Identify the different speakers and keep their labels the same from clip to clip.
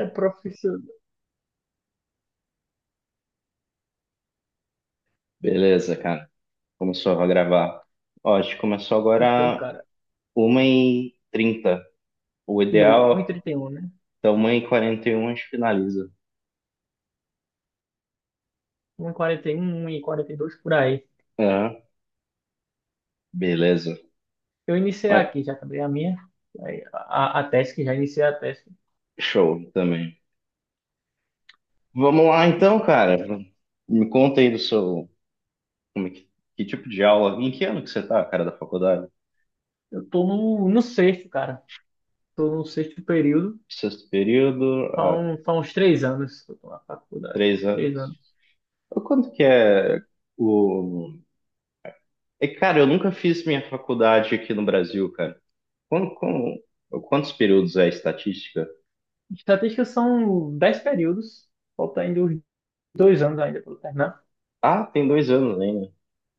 Speaker 1: É profissional.
Speaker 2: Beleza, cara. Começou a gravar. Ó, a gente começou
Speaker 1: Então,
Speaker 2: agora
Speaker 1: cara,
Speaker 2: 1h30. O
Speaker 1: e um e
Speaker 2: ideal,
Speaker 1: trinta e um, né?
Speaker 2: então 1h41 a gente finaliza.
Speaker 1: Um e quarenta e um um e quarenta e dois por aí.
Speaker 2: É, beleza.
Speaker 1: Eu iniciei
Speaker 2: Mas,
Speaker 1: aqui, já acabei a minha. A tese, que já iniciei a tese.
Speaker 2: Show também. Vamos lá então, cara. Me conta aí do seu. Como é que, que tipo de aula? Em que ano que você tá, cara, da faculdade?
Speaker 1: Eu tô no sexto, cara. Tô no sexto período.
Speaker 2: Sexto período,
Speaker 1: Faz
Speaker 2: há
Speaker 1: um- faz uns três anos que eu tô na faculdade. Faz
Speaker 2: três
Speaker 1: uns três
Speaker 2: anos.
Speaker 1: anos.
Speaker 2: Quanto que é o. É, cara, eu nunca fiz minha faculdade aqui no Brasil, cara. Quando, como- quantos períodos é a estatística?
Speaker 1: Estatísticas são dez períodos. Falta ainda uns dois anos ainda pra eu terminar.
Speaker 2: Ah, tem 2 anos ainda.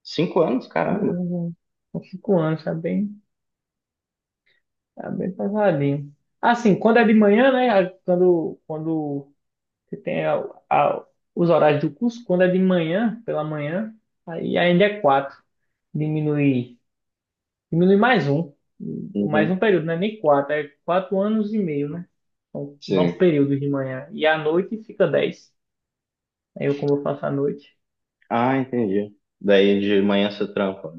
Speaker 2: 5 anos,
Speaker 1: Tem dois
Speaker 2: caramba.
Speaker 1: anos, são cinco anos, tá bem pesadinho. Assim, quando é de manhã, né? Quando você tem a- os horários do curso, quando é de manhã, pela manhã, aí ainda é quatro. Diminui, diminui mais um. Mais
Speaker 2: Uhum,
Speaker 1: um período, não é nem quatro, é quatro anos e meio, né? São nove
Speaker 2: sim.
Speaker 1: períodos de manhã. E à noite fica dez. Aí eu, como eu faço à noite.
Speaker 2: Ah, entendi. Daí de manhã você trampa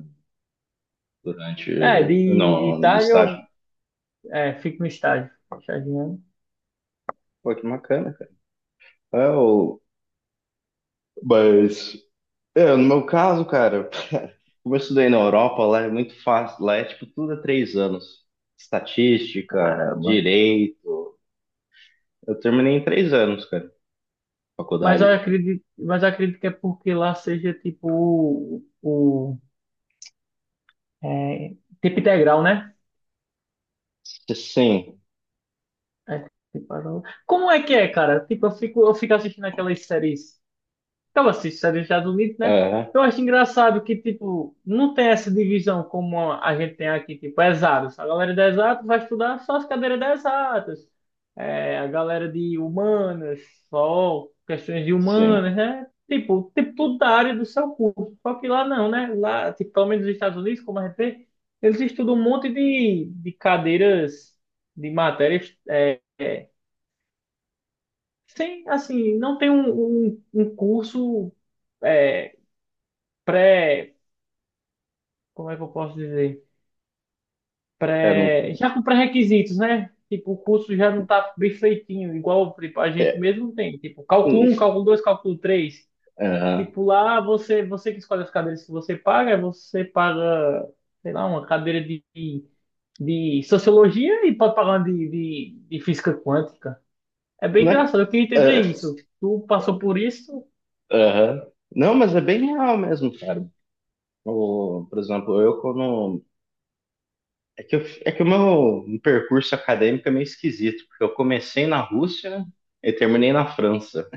Speaker 2: durante.
Speaker 1: É, de,
Speaker 2: Não,
Speaker 1: de
Speaker 2: no
Speaker 1: tarde
Speaker 2: estágio.
Speaker 1: eu fico no estágio. Estagiando.
Speaker 2: Pô, que bacana, cara. É, o... Mas. É, no meu caso, cara, como eu estudei na Europa, lá é muito fácil. Lá é tipo tudo a 3 anos. Estatística,
Speaker 1: Caramba.
Speaker 2: direito. Eu terminei em 3 anos, cara,
Speaker 1: Mas eu
Speaker 2: faculdade.
Speaker 1: acredito, mas eu acredito que é porque lá seja tipo é, tempo integral, né?
Speaker 2: Sim,
Speaker 1: É, tipo, agora- como é que é, cara? Tipo, eu fico assistindo aquelas séries. Eu assisto séries dos Estados Unidos, né?
Speaker 2: é,
Speaker 1: Eu acho engraçado que, tipo, não tem essa divisão como a gente tem aqui, tipo, é exatos. A galera de exatos vai estudar só as cadeiras de exatas. É, a galera de humanas, só questões de
Speaker 2: sim.
Speaker 1: humanas, né? Tipo, tudo da área do seu curso. Só que lá não, né? Lá, tipo, pelo menos nos Estados Unidos, como a gente vê, eles estudam um monte de cadeiras, de matérias sim, assim, não tem um curso é, pré, como é que eu posso dizer?
Speaker 2: É, não,
Speaker 1: Pré, já com pré-requisitos, né? Tipo, o curso já não tá bem feitinho, igual tipo, a gente
Speaker 2: é,
Speaker 1: mesmo tem. Tipo, cálculo um cálculo 2 cálculo três.
Speaker 2: aham.
Speaker 1: Tipo, lá você que escolhe as cadeiras que você paga, sei lá, uma cadeira de sociologia e pode pagar uma de física quântica. É bem
Speaker 2: Né?
Speaker 1: engraçado, eu queria entender
Speaker 2: Ah,
Speaker 1: isso. Tu passou por isso?
Speaker 2: aham. Não, mas é bem real mesmo, cara. Por exemplo, eu quando. É que, é que o meu percurso acadêmico é meio esquisito, porque eu comecei na Rússia e terminei na França.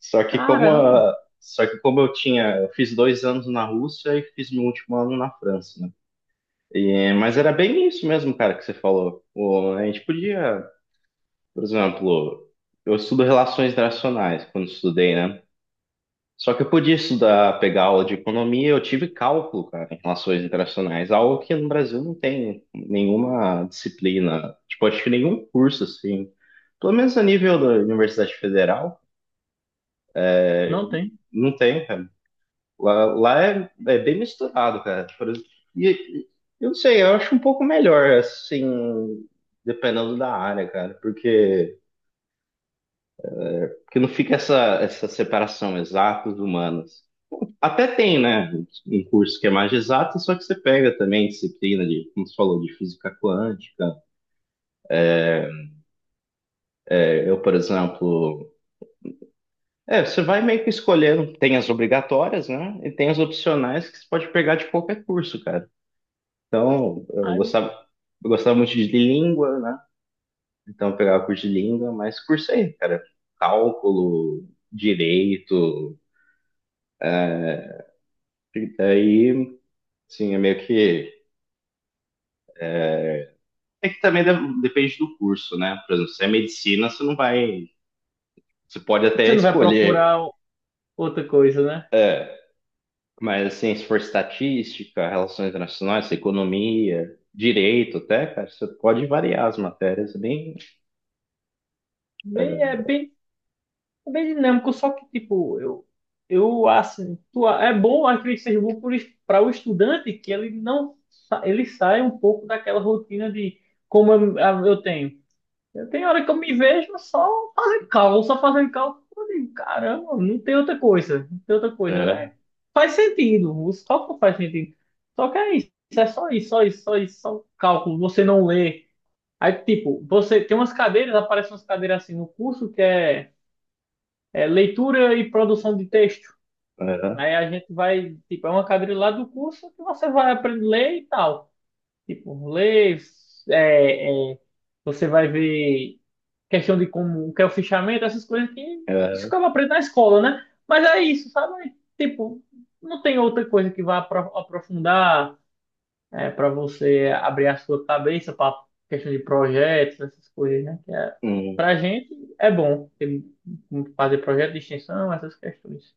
Speaker 1: Caramba.
Speaker 2: Só que como eu tinha, eu fiz 2 anos na Rússia e fiz meu último ano na França, né? E, mas era bem isso mesmo, cara, que você falou. A gente podia, por exemplo, eu estudo relações internacionais quando estudei, né? Só que eu podia estudar, pegar aula de economia, eu tive cálculo, cara, em relações internacionais, algo que no Brasil não tem nenhuma disciplina, tipo, acho que nenhum curso, assim, pelo menos a nível da Universidade Federal,
Speaker 1: Não tem.
Speaker 2: não tem, cara. Lá é bem misturado, cara. Por exemplo, e e- eu não sei, eu acho um pouco melhor, assim, dependendo da área, cara, porque, porque não fica essa separação exatos humanos. Até tem, né, um curso que é mais de exato, só que você pega também disciplina de, como você falou, de física quântica. É, eu, por exemplo, é, você vai meio que escolhendo, tem as obrigatórias, né, e tem as opcionais que você pode pegar de qualquer curso, cara. Então,
Speaker 1: Aí
Speaker 2: eu gostava muito de língua, né, então eu pegava curso de língua, mas cursei, cara, cálculo, direito, e daí, sim, é meio que... É que também depende do curso, né? Por exemplo, se é medicina, você não vai. Você pode até
Speaker 1: você não vai procurar
Speaker 2: escolher,
Speaker 1: outra coisa, né?
Speaker 2: mas assim, se for estatística, relações internacionais, economia, direito até, cara, você pode variar as matérias é bem.
Speaker 1: Bem,
Speaker 2: É,
Speaker 1: é bem, é bem dinâmico, só que, tipo, eu assim, tu- é bom, acredito que seja bom para o estudante que ele não sa- ele sai um pouco daquela rotina de como eu, a- eu tenho. Eu tenho hora que eu me vejo só fazendo cálculo, só fazendo cálculo. Eu digo, caramba, não tem outra coisa, não tem outra coisa.
Speaker 2: é,
Speaker 1: Faz sentido, os cálculos fazem sentido. Só que é isso, é só isso, só cálculo. Você não lê. Aí, tipo, você tem umas cadeiras, aparecem umas cadeiras assim no curso que é leitura e produção de texto. Aí a gente vai, tipo, é uma cadeira lá do curso que você vai aprender a ler e tal. Tipo, ler, é, é, você vai ver questão de como o que é o fichamento, essas coisas que
Speaker 2: é,
Speaker 1: isso
Speaker 2: é,
Speaker 1: acaba aprendendo na escola, né? Mas é isso, sabe? Tipo, não tem outra coisa que vá aprofundar é, para você abrir a sua cabeça para questão de projetos, essas coisas, né? Que é,
Speaker 2: hum,
Speaker 1: para a gente é bom fazer projeto de extensão, essas questões.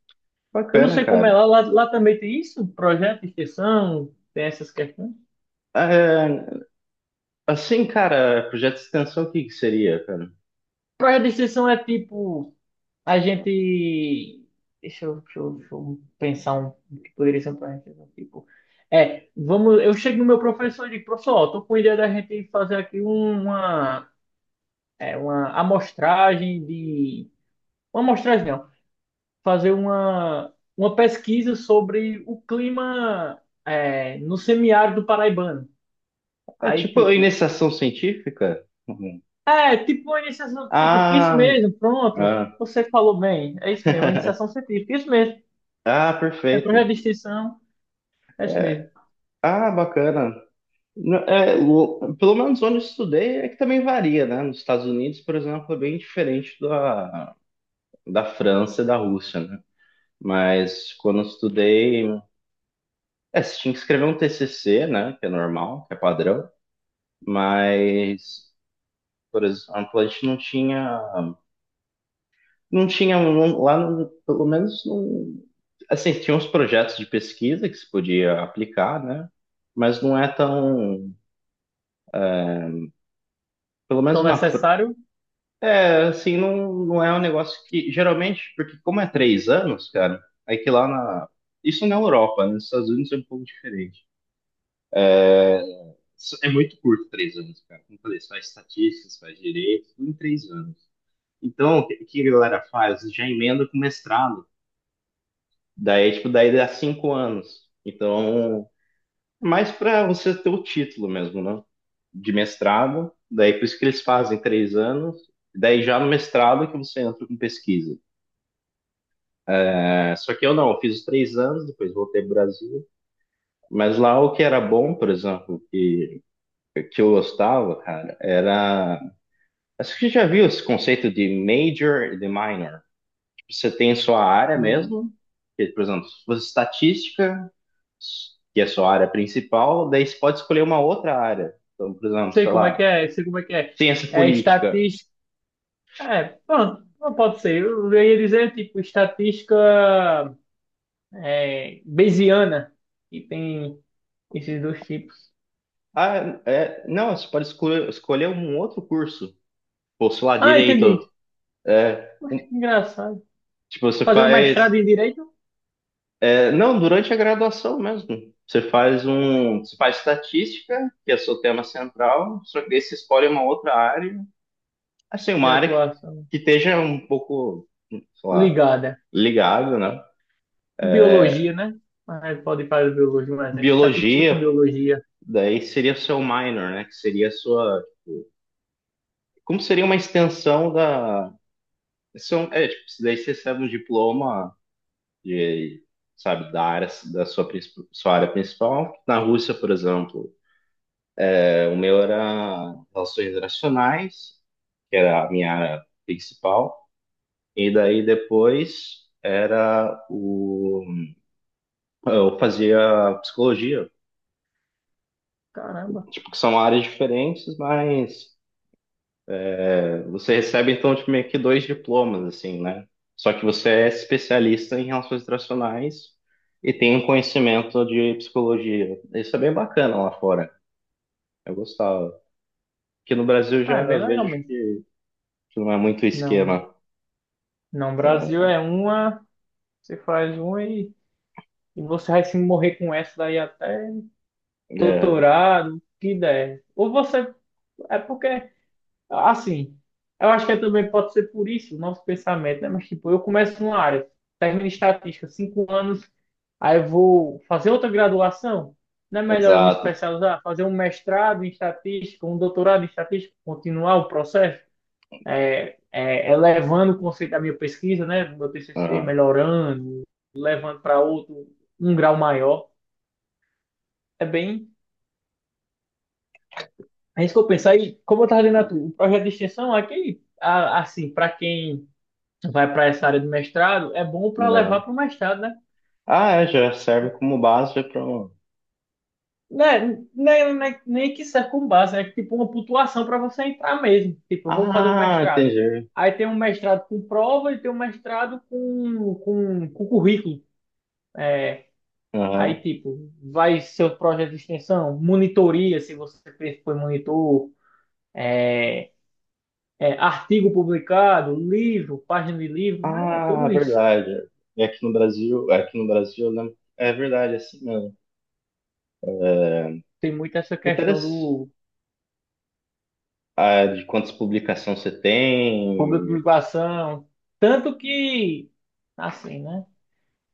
Speaker 1: Eu não
Speaker 2: bacana,
Speaker 1: sei como é
Speaker 2: cara.
Speaker 1: lá, lá também tem isso, projeto de extensão, tem essas questões.
Speaker 2: É, assim, cara, projeto de extensão, o que que seria, cara?
Speaker 1: Projeto de extensão é tipo, a gente. Deixa eu pensar um o que poderia ser um projeto de extensão. Tipo, é, vamos, eu chego no meu professor e digo, professor, ó, tô com a ideia da gente fazer aqui uma uma amostragem de. Uma amostragem não, fazer uma pesquisa sobre o clima é, no semiárido paraibano.
Speaker 2: É
Speaker 1: Aí,
Speaker 2: tipo
Speaker 1: tipo,
Speaker 2: iniciação científica? Uhum.
Speaker 1: é, tipo uma iniciação científica, isso
Speaker 2: Ah,
Speaker 1: mesmo, pronto.
Speaker 2: ah,
Speaker 1: Você falou bem, é isso mesmo, uma iniciação científica, isso mesmo.
Speaker 2: ah,
Speaker 1: É
Speaker 2: perfeito.
Speaker 1: projeto de extensão, é isso
Speaker 2: É,
Speaker 1: mesmo.
Speaker 2: ah, bacana. Não, é, pelo menos onde eu estudei é que também varia, né? Nos Estados Unidos, por exemplo, é bem diferente da, da França e da Rússia, né? Mas quando eu estudei, é, você tinha que escrever um TCC, né? Que é normal, que é padrão, mas, por exemplo, a gente não tinha lá, pelo menos, não, assim, tinha uns projetos de pesquisa que se podia aplicar, né? Mas não é tão, pelo menos
Speaker 1: Tão
Speaker 2: na França.
Speaker 1: necessário,
Speaker 2: Assim, não é um negócio que. Geralmente, porque como é 3 anos, cara, é que lá na. Isso na Europa, né? Nos Estados Unidos é um pouco diferente. Isso é muito curto 3 anos, cara. Como eu falei, você faz estatísticas, faz direito, tudo em 3 anos. Então, o que a galera faz? Já emenda com mestrado. Daí, tipo, daí dá 5 anos. Então, é mais pra você ter o título mesmo, né? De mestrado. Daí, por isso que eles fazem 3 anos. Daí, já no mestrado que você entra com pesquisa. É, só que eu não, eu fiz os 3 anos, depois voltei pro Brasil. Mas lá o que era bom, por exemplo, que eu gostava, cara, era. Acho que você já viu esse conceito de major e de minor. Tipo, você tem sua área
Speaker 1: hum,
Speaker 2: mesmo, que, por exemplo, se fosse estatística, que é sua área principal, daí você pode escolher uma outra área. Então, por exemplo,
Speaker 1: sei
Speaker 2: sei
Speaker 1: como é
Speaker 2: lá,
Speaker 1: que é, sei como é que é.
Speaker 2: ciência
Speaker 1: É
Speaker 2: política.
Speaker 1: estatística, é, pronto, não pode ser. Eu ia dizer, tipo, estatística é, Bayesiana, que tem esses dois tipos.
Speaker 2: Ah, é, não, você pode escolher, escolher um outro curso. Ou, sei lá,
Speaker 1: Ah, entendi.
Speaker 2: direito. É,
Speaker 1: Poxa, que engraçado.
Speaker 2: tipo, você
Speaker 1: Fazer um mestrado
Speaker 2: faz
Speaker 1: em direito?
Speaker 2: é, não, durante a graduação mesmo. Você faz
Speaker 1: Poxa,
Speaker 2: um, você faz estatística, que é o seu tema central, só que daí você escolhe uma outra área, assim, uma
Speaker 1: de
Speaker 2: área que,
Speaker 1: atuação
Speaker 2: que esteja um pouco, sei lá,
Speaker 1: ligada.
Speaker 2: ligada, né?
Speaker 1: Biologia, né? Ah, pode fazer biologia, mas é estatística
Speaker 2: Biologia,
Speaker 1: com biologia.
Speaker 2: daí seria o seu minor, né? Que seria a sua, como seria uma extensão da, são, é, tipo, daí você recebe um diploma de, sabe, da área, da sua, sua área principal. Na Rússia, por exemplo, é, o meu era relações internacionais, que era a minha área principal. E daí depois era o. Eu fazia psicologia.
Speaker 1: Caramba.
Speaker 2: Tipo, que são áreas diferentes, mas é, você recebe então tipo, meio que 2 diplomas, assim, né? Só que você é especialista em relações internacionais e tem um conhecimento de psicologia. Isso é bem bacana lá fora. Eu gostava. Aqui no Brasil eu
Speaker 1: Ah, é
Speaker 2: já
Speaker 1: bem
Speaker 2: vejo
Speaker 1: legal mesmo.
Speaker 2: que não é muito
Speaker 1: Não,
Speaker 2: esquema.
Speaker 1: não, Brasil é uma, você faz uma e você vai se morrer com essa daí até
Speaker 2: É,
Speaker 1: doutorado, o que der. Ou você, é porque assim, eu acho que é também pode ser por isso o nosso pensamento, né? Mas, tipo, eu começo numa área, termino em estatística, cinco anos, aí eu vou fazer outra graduação. Não é melhor eu me
Speaker 2: exato.
Speaker 1: especializar, fazer um mestrado em estatística, um doutorado em estatística, continuar o processo, elevando o conceito da minha pesquisa, né? Do meu TCC,
Speaker 2: Aham.
Speaker 1: melhorando, levando para outro, um grau maior. É bem, é isso que eu penso. Aí, como eu estava dizendo, a tu, o projeto de extensão aqui, assim, para quem vai para essa área do mestrado, é bom para
Speaker 2: É,
Speaker 1: levar para o mestrado, né?
Speaker 2: ah, é, já serve como base para um.
Speaker 1: Nem que serve com base, é tipo uma pontuação para você entrar mesmo. Tipo, eu vou fazer um
Speaker 2: Ah,
Speaker 1: mestrado.
Speaker 2: entendi.
Speaker 1: Aí tem um mestrado com prova e tem um mestrado com currículo.
Speaker 2: Aham.
Speaker 1: Aí, tipo, vai seu projeto de extensão, monitoria, se você fez, foi monitor, é, artigo publicado, livro, página de livro, né? É
Speaker 2: Ah,
Speaker 1: tudo isso.
Speaker 2: verdade. E aqui no Brasil, eu é verdade, é assim mesmo.
Speaker 1: Tem muito essa questão
Speaker 2: Interessante.
Speaker 1: do
Speaker 2: Ah, é, de quantas publicações você tem?
Speaker 1: público-publicação. Tanto que, assim, né?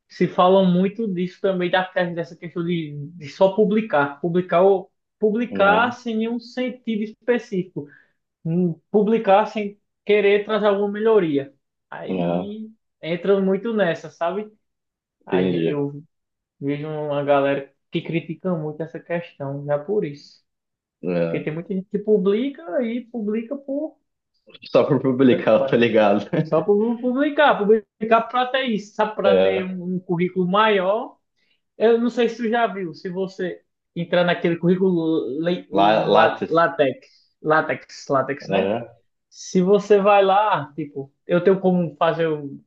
Speaker 1: Se falam muito disso também, dessa questão de só publicar. Publicar, publicar
Speaker 2: Não,
Speaker 1: sem nenhum sentido específico. Publicar sem querer trazer alguma melhoria.
Speaker 2: não,
Speaker 1: Aí entra muito nessa, sabe?
Speaker 2: entendi.
Speaker 1: Eu vejo uma galera que critica muito essa questão, já por isso. Porque
Speaker 2: É.
Speaker 1: tem muita gente que publica e publica por.
Speaker 2: Só por
Speaker 1: Tanto
Speaker 2: publicar, eu tô
Speaker 1: faz.
Speaker 2: ligado.
Speaker 1: Só por publicar, publicar para ter isso, sabe? Para ter
Speaker 2: É.
Speaker 1: um currículo maior. Eu não sei se tu já viu, se você entrar naquele currículo
Speaker 2: Lá, Lattes.
Speaker 1: LaTeX, LaTeX, né?
Speaker 2: É,
Speaker 1: Se você vai lá, tipo, eu tenho como fazer um,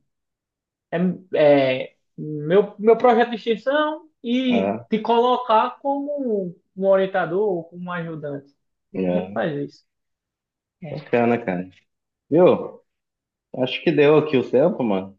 Speaker 1: é, é, meu, meu projeto de extensão e
Speaker 2: é,
Speaker 1: te colocar como um orientador ou como um ajudante. A gente
Speaker 2: é.
Speaker 1: faz isso.
Speaker 2: Bacana, cara. Viu? Acho que deu aqui o tempo, mano.